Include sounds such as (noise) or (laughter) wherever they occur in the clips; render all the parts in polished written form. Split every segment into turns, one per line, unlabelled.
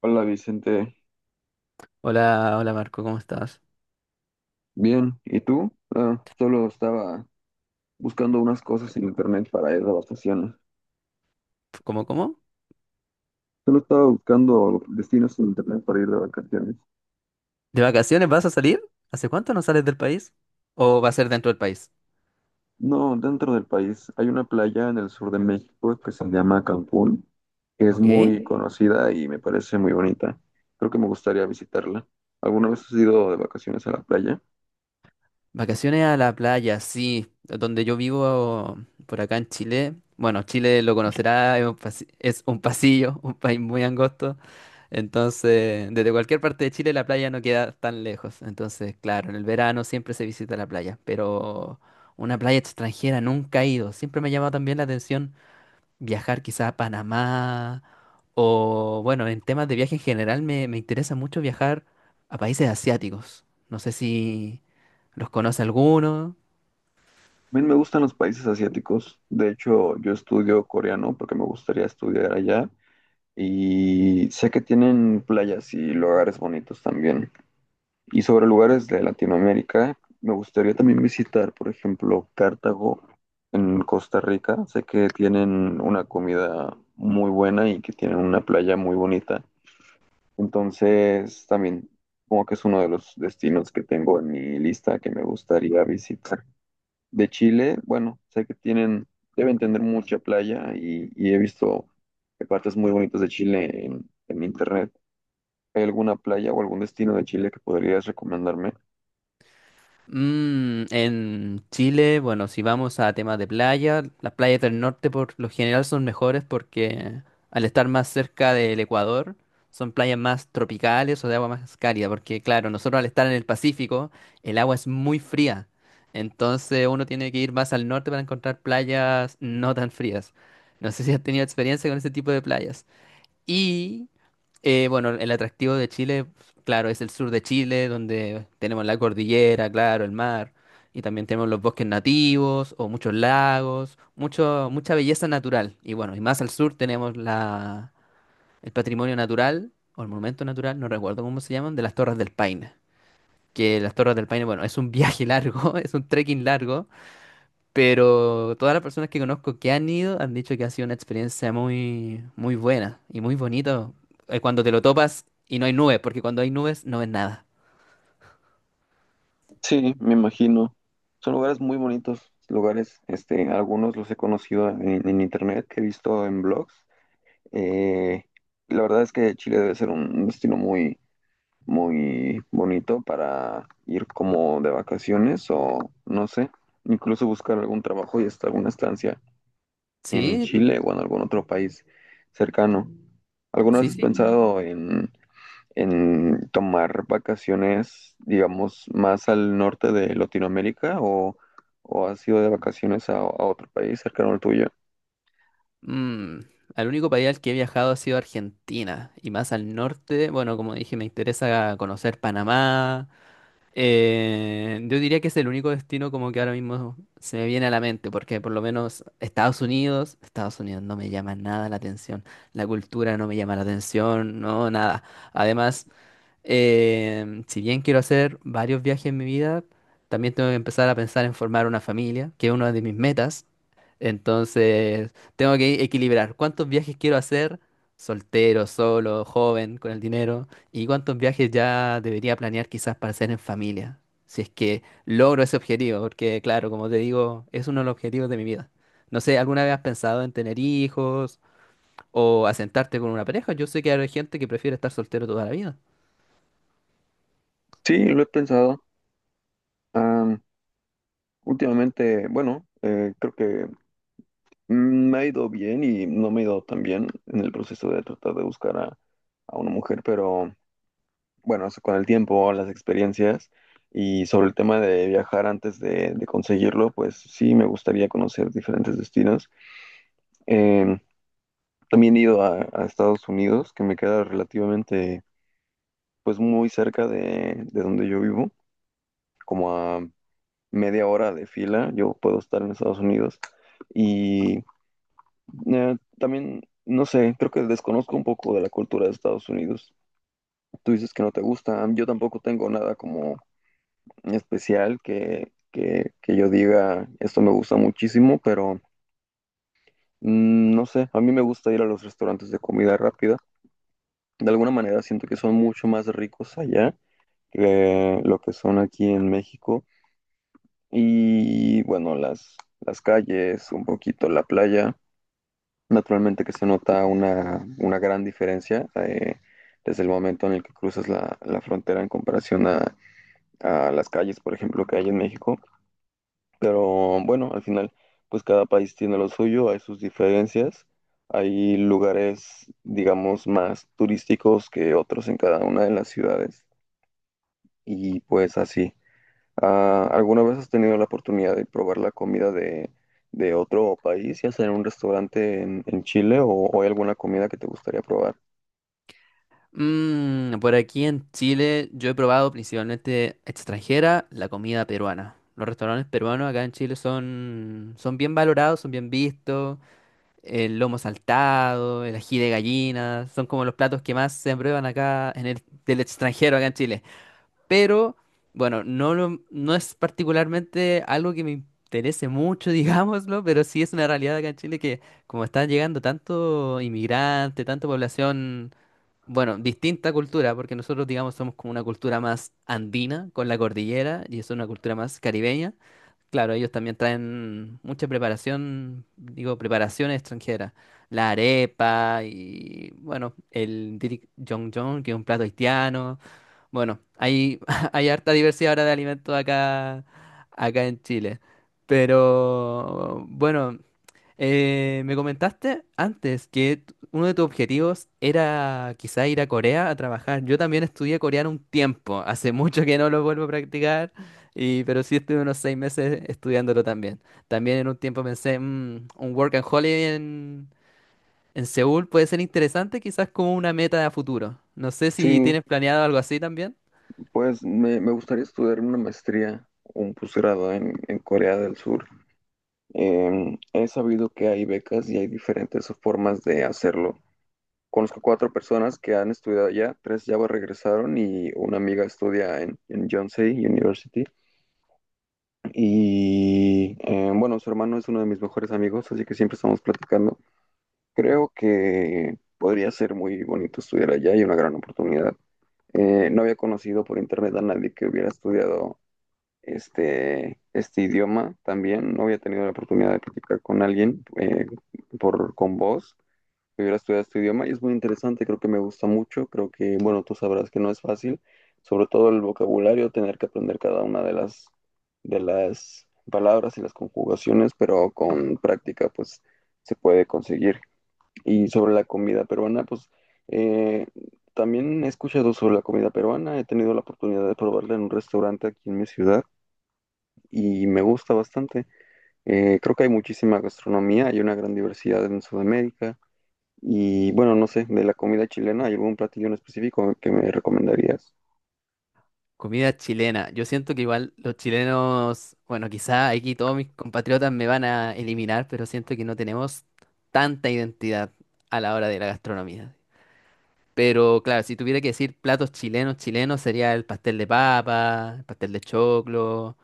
Hola Vicente,
Hola, hola Marco, ¿cómo estás?
bien, ¿y tú? Ah, solo estaba buscando unas cosas en internet para ir de vacaciones.
¿Cómo, cómo?
Solo estaba buscando destinos en internet para ir de vacaciones.
¿De vacaciones vas a salir? ¿Hace cuánto no sales del país? ¿O va a ser dentro del país?
No, dentro del país hay una playa en el sur de México que se llama Cancún, que es
¿Ok?
muy conocida y me parece muy bonita. Creo que me gustaría visitarla. ¿Alguna vez has ido de vacaciones a la playa?
Vacaciones a la playa, sí. Donde yo vivo, por acá en Chile. Bueno, Chile lo conocerá, es un pasillo, (laughs) un país muy angosto. Entonces, desde cualquier parte de Chile la playa no queda tan lejos. Entonces, claro, en el verano siempre se visita la playa. Pero una playa extranjera nunca he ido. Siempre me ha llamado también la atención viajar quizá a Panamá. O bueno, en temas de viaje en general me interesa mucho viajar a países asiáticos. No sé si los conoce alguno.
A mí me gustan los países asiáticos. De hecho, yo estudio coreano porque me gustaría estudiar allá. Y sé que tienen playas y lugares bonitos también. Y sobre lugares de Latinoamérica, me gustaría también visitar, por ejemplo, Cartago en Costa Rica. Sé que tienen una comida muy buena y que tienen una playa muy bonita. Entonces, también como que es uno de los destinos que tengo en mi lista que me gustaría visitar de Chile, bueno, sé que tienen, deben tener mucha playa y he visto partes muy bonitas de Chile en internet. ¿Hay alguna playa o algún destino de Chile que podrías recomendarme?
En Chile, bueno, si vamos a temas de playa, las playas del norte por lo general son mejores porque al estar más cerca del Ecuador, son playas más tropicales o de agua más cálida, porque claro, nosotros al estar en el Pacífico, el agua es muy fría, entonces uno tiene que ir más al norte para encontrar playas no tan frías. No sé si has tenido experiencia con ese tipo de playas. Y bueno, el atractivo de Chile, claro, es el sur de Chile, donde tenemos la cordillera, claro, el mar, y también tenemos los bosques nativos o muchos lagos, mucho, mucha belleza natural. Y bueno, y más al sur tenemos la, el patrimonio natural o el monumento natural, no recuerdo cómo se llaman, de las Torres del Paine. Que las Torres del Paine, bueno, es un viaje largo, (laughs) es un trekking largo, pero todas las personas que conozco que han ido han dicho que ha sido una experiencia muy, muy buena y muy bonita cuando te lo topas y no hay nubes, porque cuando hay nubes no ves nada.
Sí, me imagino. Son lugares muy bonitos, lugares, este, algunos los he conocido en internet, que he visto en blogs. Eh, la verdad es que Chile debe ser un destino muy, muy bonito para ir como de vacaciones o no sé, incluso buscar algún trabajo y hasta alguna estancia en
Sí,
Chile o en algún otro país cercano. ¿Alguna vez
sí,
has
sí.
pensado en, tomar vacaciones, digamos, más al norte de Latinoamérica o has ido de vacaciones a otro país cercano al tuyo?
Mm, Al único país al que he viajado ha sido Argentina y más al norte. Bueno, como dije, me interesa conocer Panamá. Yo diría que es el único destino como que ahora mismo se me viene a la mente, porque por lo menos Estados Unidos, Estados Unidos no me llama nada la atención, la cultura no me llama la atención, no, nada. Además, si bien quiero hacer varios viajes en mi vida, también tengo que empezar a pensar en formar una familia, que es una de mis metas. Entonces, tengo que equilibrar cuántos viajes quiero hacer soltero, solo, joven, con el dinero, y cuántos viajes ya debería planear quizás para hacer en familia, si es que logro ese objetivo, porque claro, como te digo, es uno de los objetivos de mi vida. No sé, ¿alguna vez has pensado en tener hijos o asentarte con una pareja? Yo sé que hay gente que prefiere estar soltero toda la vida.
Sí, lo he pensado. Últimamente, bueno, creo que me ha ido bien y no me ha ido tan bien en el proceso de tratar de buscar a una mujer, pero bueno, eso con el tiempo, las experiencias y sobre el tema de viajar antes de conseguirlo, pues sí me gustaría conocer diferentes destinos. Eh, También he ido a Estados Unidos, que me queda relativamente, pues muy cerca de donde yo vivo, como a media hora de fila, yo puedo estar en Estados Unidos. Y también, no sé, creo que desconozco un poco de la cultura de Estados Unidos. Tú dices que no te gusta. Yo tampoco tengo nada como especial que yo diga, esto me gusta muchísimo, pero no sé, a mí me gusta ir a los restaurantes de comida rápida. De alguna manera siento que son mucho más ricos allá que lo que son aquí en México. Y bueno, las calles, un poquito la playa. Naturalmente que se nota una gran diferencia desde el momento en el que cruzas la frontera en comparación a las calles, por ejemplo, que hay en México. Pero bueno, al final, pues cada país tiene lo suyo, hay sus diferencias, hay lugares, digamos, más turísticos que otros en cada una de las ciudades y pues así. Ah, ¿alguna vez has tenido la oportunidad de probar la comida de otro país, ya sea en un restaurante en Chile o hay alguna comida que te gustaría probar?
Por aquí en Chile yo he probado principalmente extranjera la comida peruana. Los restaurantes peruanos acá en Chile son bien valorados, son bien vistos. El lomo saltado, el ají de gallina, son como los platos que más se aprueban acá en el, del extranjero acá en Chile. Pero bueno, no, no es particularmente algo que me interese mucho, (laughs) digámoslo, pero sí es una realidad acá en Chile que como está llegando tanto inmigrante, tanta población, bueno, distinta cultura, porque nosotros, digamos, somos como una cultura más andina con la cordillera y es una cultura más caribeña. Claro, ellos también traen mucha preparación, digo, preparación extranjera. La arepa y, bueno, el dirik jong jong, que es un plato haitiano. Bueno, hay, (laughs) hay harta diversidad ahora de alimentos acá, acá en Chile. Pero, bueno, me comentaste antes que uno de tus objetivos era quizá ir a Corea a trabajar. Yo también estudié coreano un tiempo, (laughs) hace mucho que no lo vuelvo a practicar, y, pero sí estuve unos 6 meses estudiándolo también. También en un tiempo pensé, "Mm, un work and holiday en Seúl puede ser interesante, quizás como una meta a futuro". No sé
Sí,
si tienes planeado algo así también.
pues me gustaría estudiar una maestría o un posgrado en Corea del Sur. He sabido que hay becas y hay diferentes formas de hacerlo. Conozco cuatro personas que han estudiado allá, tres ya regresaron y una amiga estudia en Yonsei University. Y bueno, su hermano es uno de mis mejores amigos, así que siempre estamos platicando. Creo que podría ser muy bonito estudiar allá y una gran oportunidad. No había conocido por internet a nadie que hubiera estudiado este idioma también. No había tenido la oportunidad de platicar con alguien con vos que hubiera estudiado este idioma y es muy interesante, creo que me gusta mucho, creo que, bueno, tú sabrás que no es fácil, sobre todo el vocabulario, tener que aprender cada una de las palabras y las conjugaciones, pero con práctica pues se puede conseguir. Y sobre la comida peruana, pues eh, también he escuchado sobre la comida peruana, he tenido la oportunidad de probarla en un restaurante aquí en mi ciudad y me gusta bastante. Creo que hay muchísima gastronomía, hay una gran diversidad en Sudamérica. Y bueno, no sé, de la comida chilena, ¿hay algún platillo en específico que me recomendarías?
Comida chilena. Yo siento que igual los chilenos, bueno, quizá aquí todos mis compatriotas me van a eliminar, pero siento que no tenemos tanta identidad a la hora de la gastronomía. Pero claro, si tuviera que decir platos chilenos, chilenos sería el pastel de papa, el pastel de choclo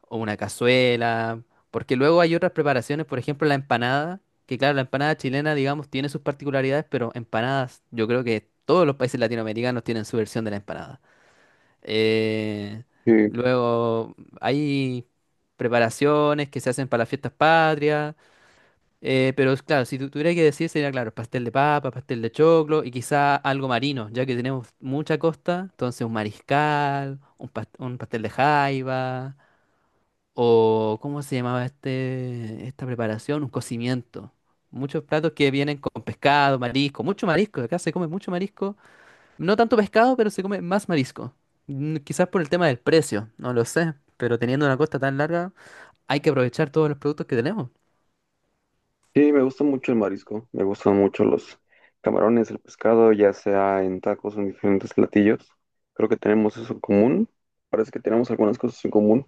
o una cazuela, porque luego hay otras preparaciones, por ejemplo la empanada, que claro, la empanada chilena, digamos, tiene sus particularidades, pero empanadas, yo creo que todos los países latinoamericanos tienen su versión de la empanada. Eh,
Sí,
Luego hay preparaciones que se hacen para las fiestas patrias, pero es claro, si tuviera que decir sería claro, pastel de papa, pastel de choclo y quizá algo marino, ya que tenemos mucha costa, entonces un mariscal, un, un pastel de jaiba, o ¿cómo se llamaba este, esta preparación? Un cocimiento. Muchos platos que vienen con pescado, marisco, mucho marisco, acá se come mucho marisco, no tanto pescado, pero se come más marisco. Quizás por el tema del precio, no lo sé. Pero teniendo una costa tan larga, hay que aprovechar todos los productos que tenemos.
sí, me gusta mucho el marisco, me gustan mucho los camarones, el pescado, ya sea en tacos o en diferentes platillos. Creo que tenemos eso en común. Parece que tenemos algunas cosas en común.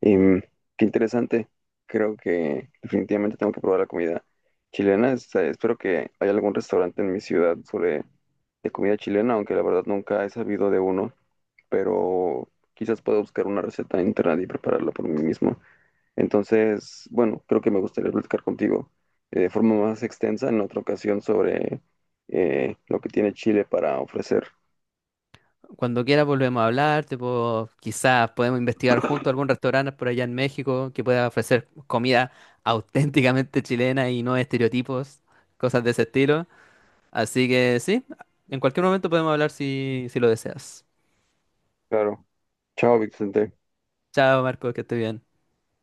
Em, Qué interesante. Creo que definitivamente tengo que probar la comida chilena. Espero que haya algún restaurante en mi ciudad sobre de comida chilena, aunque la verdad nunca he sabido de uno. Pero quizás pueda buscar una receta en internet y prepararla por mí mismo. Entonces, bueno, creo que me gustaría platicar contigo de forma más extensa en otra ocasión sobre lo que tiene Chile para ofrecer.
Cuando quieras volvemos a hablar, tipo, quizás podemos investigar juntos algún restaurante por allá en México que pueda ofrecer comida (laughs) auténticamente chilena y no estereotipos, cosas de ese estilo. Así que sí, en cualquier momento podemos hablar si lo deseas.
Claro. Chao, Vicente.
Chao, Marco, que estés bien.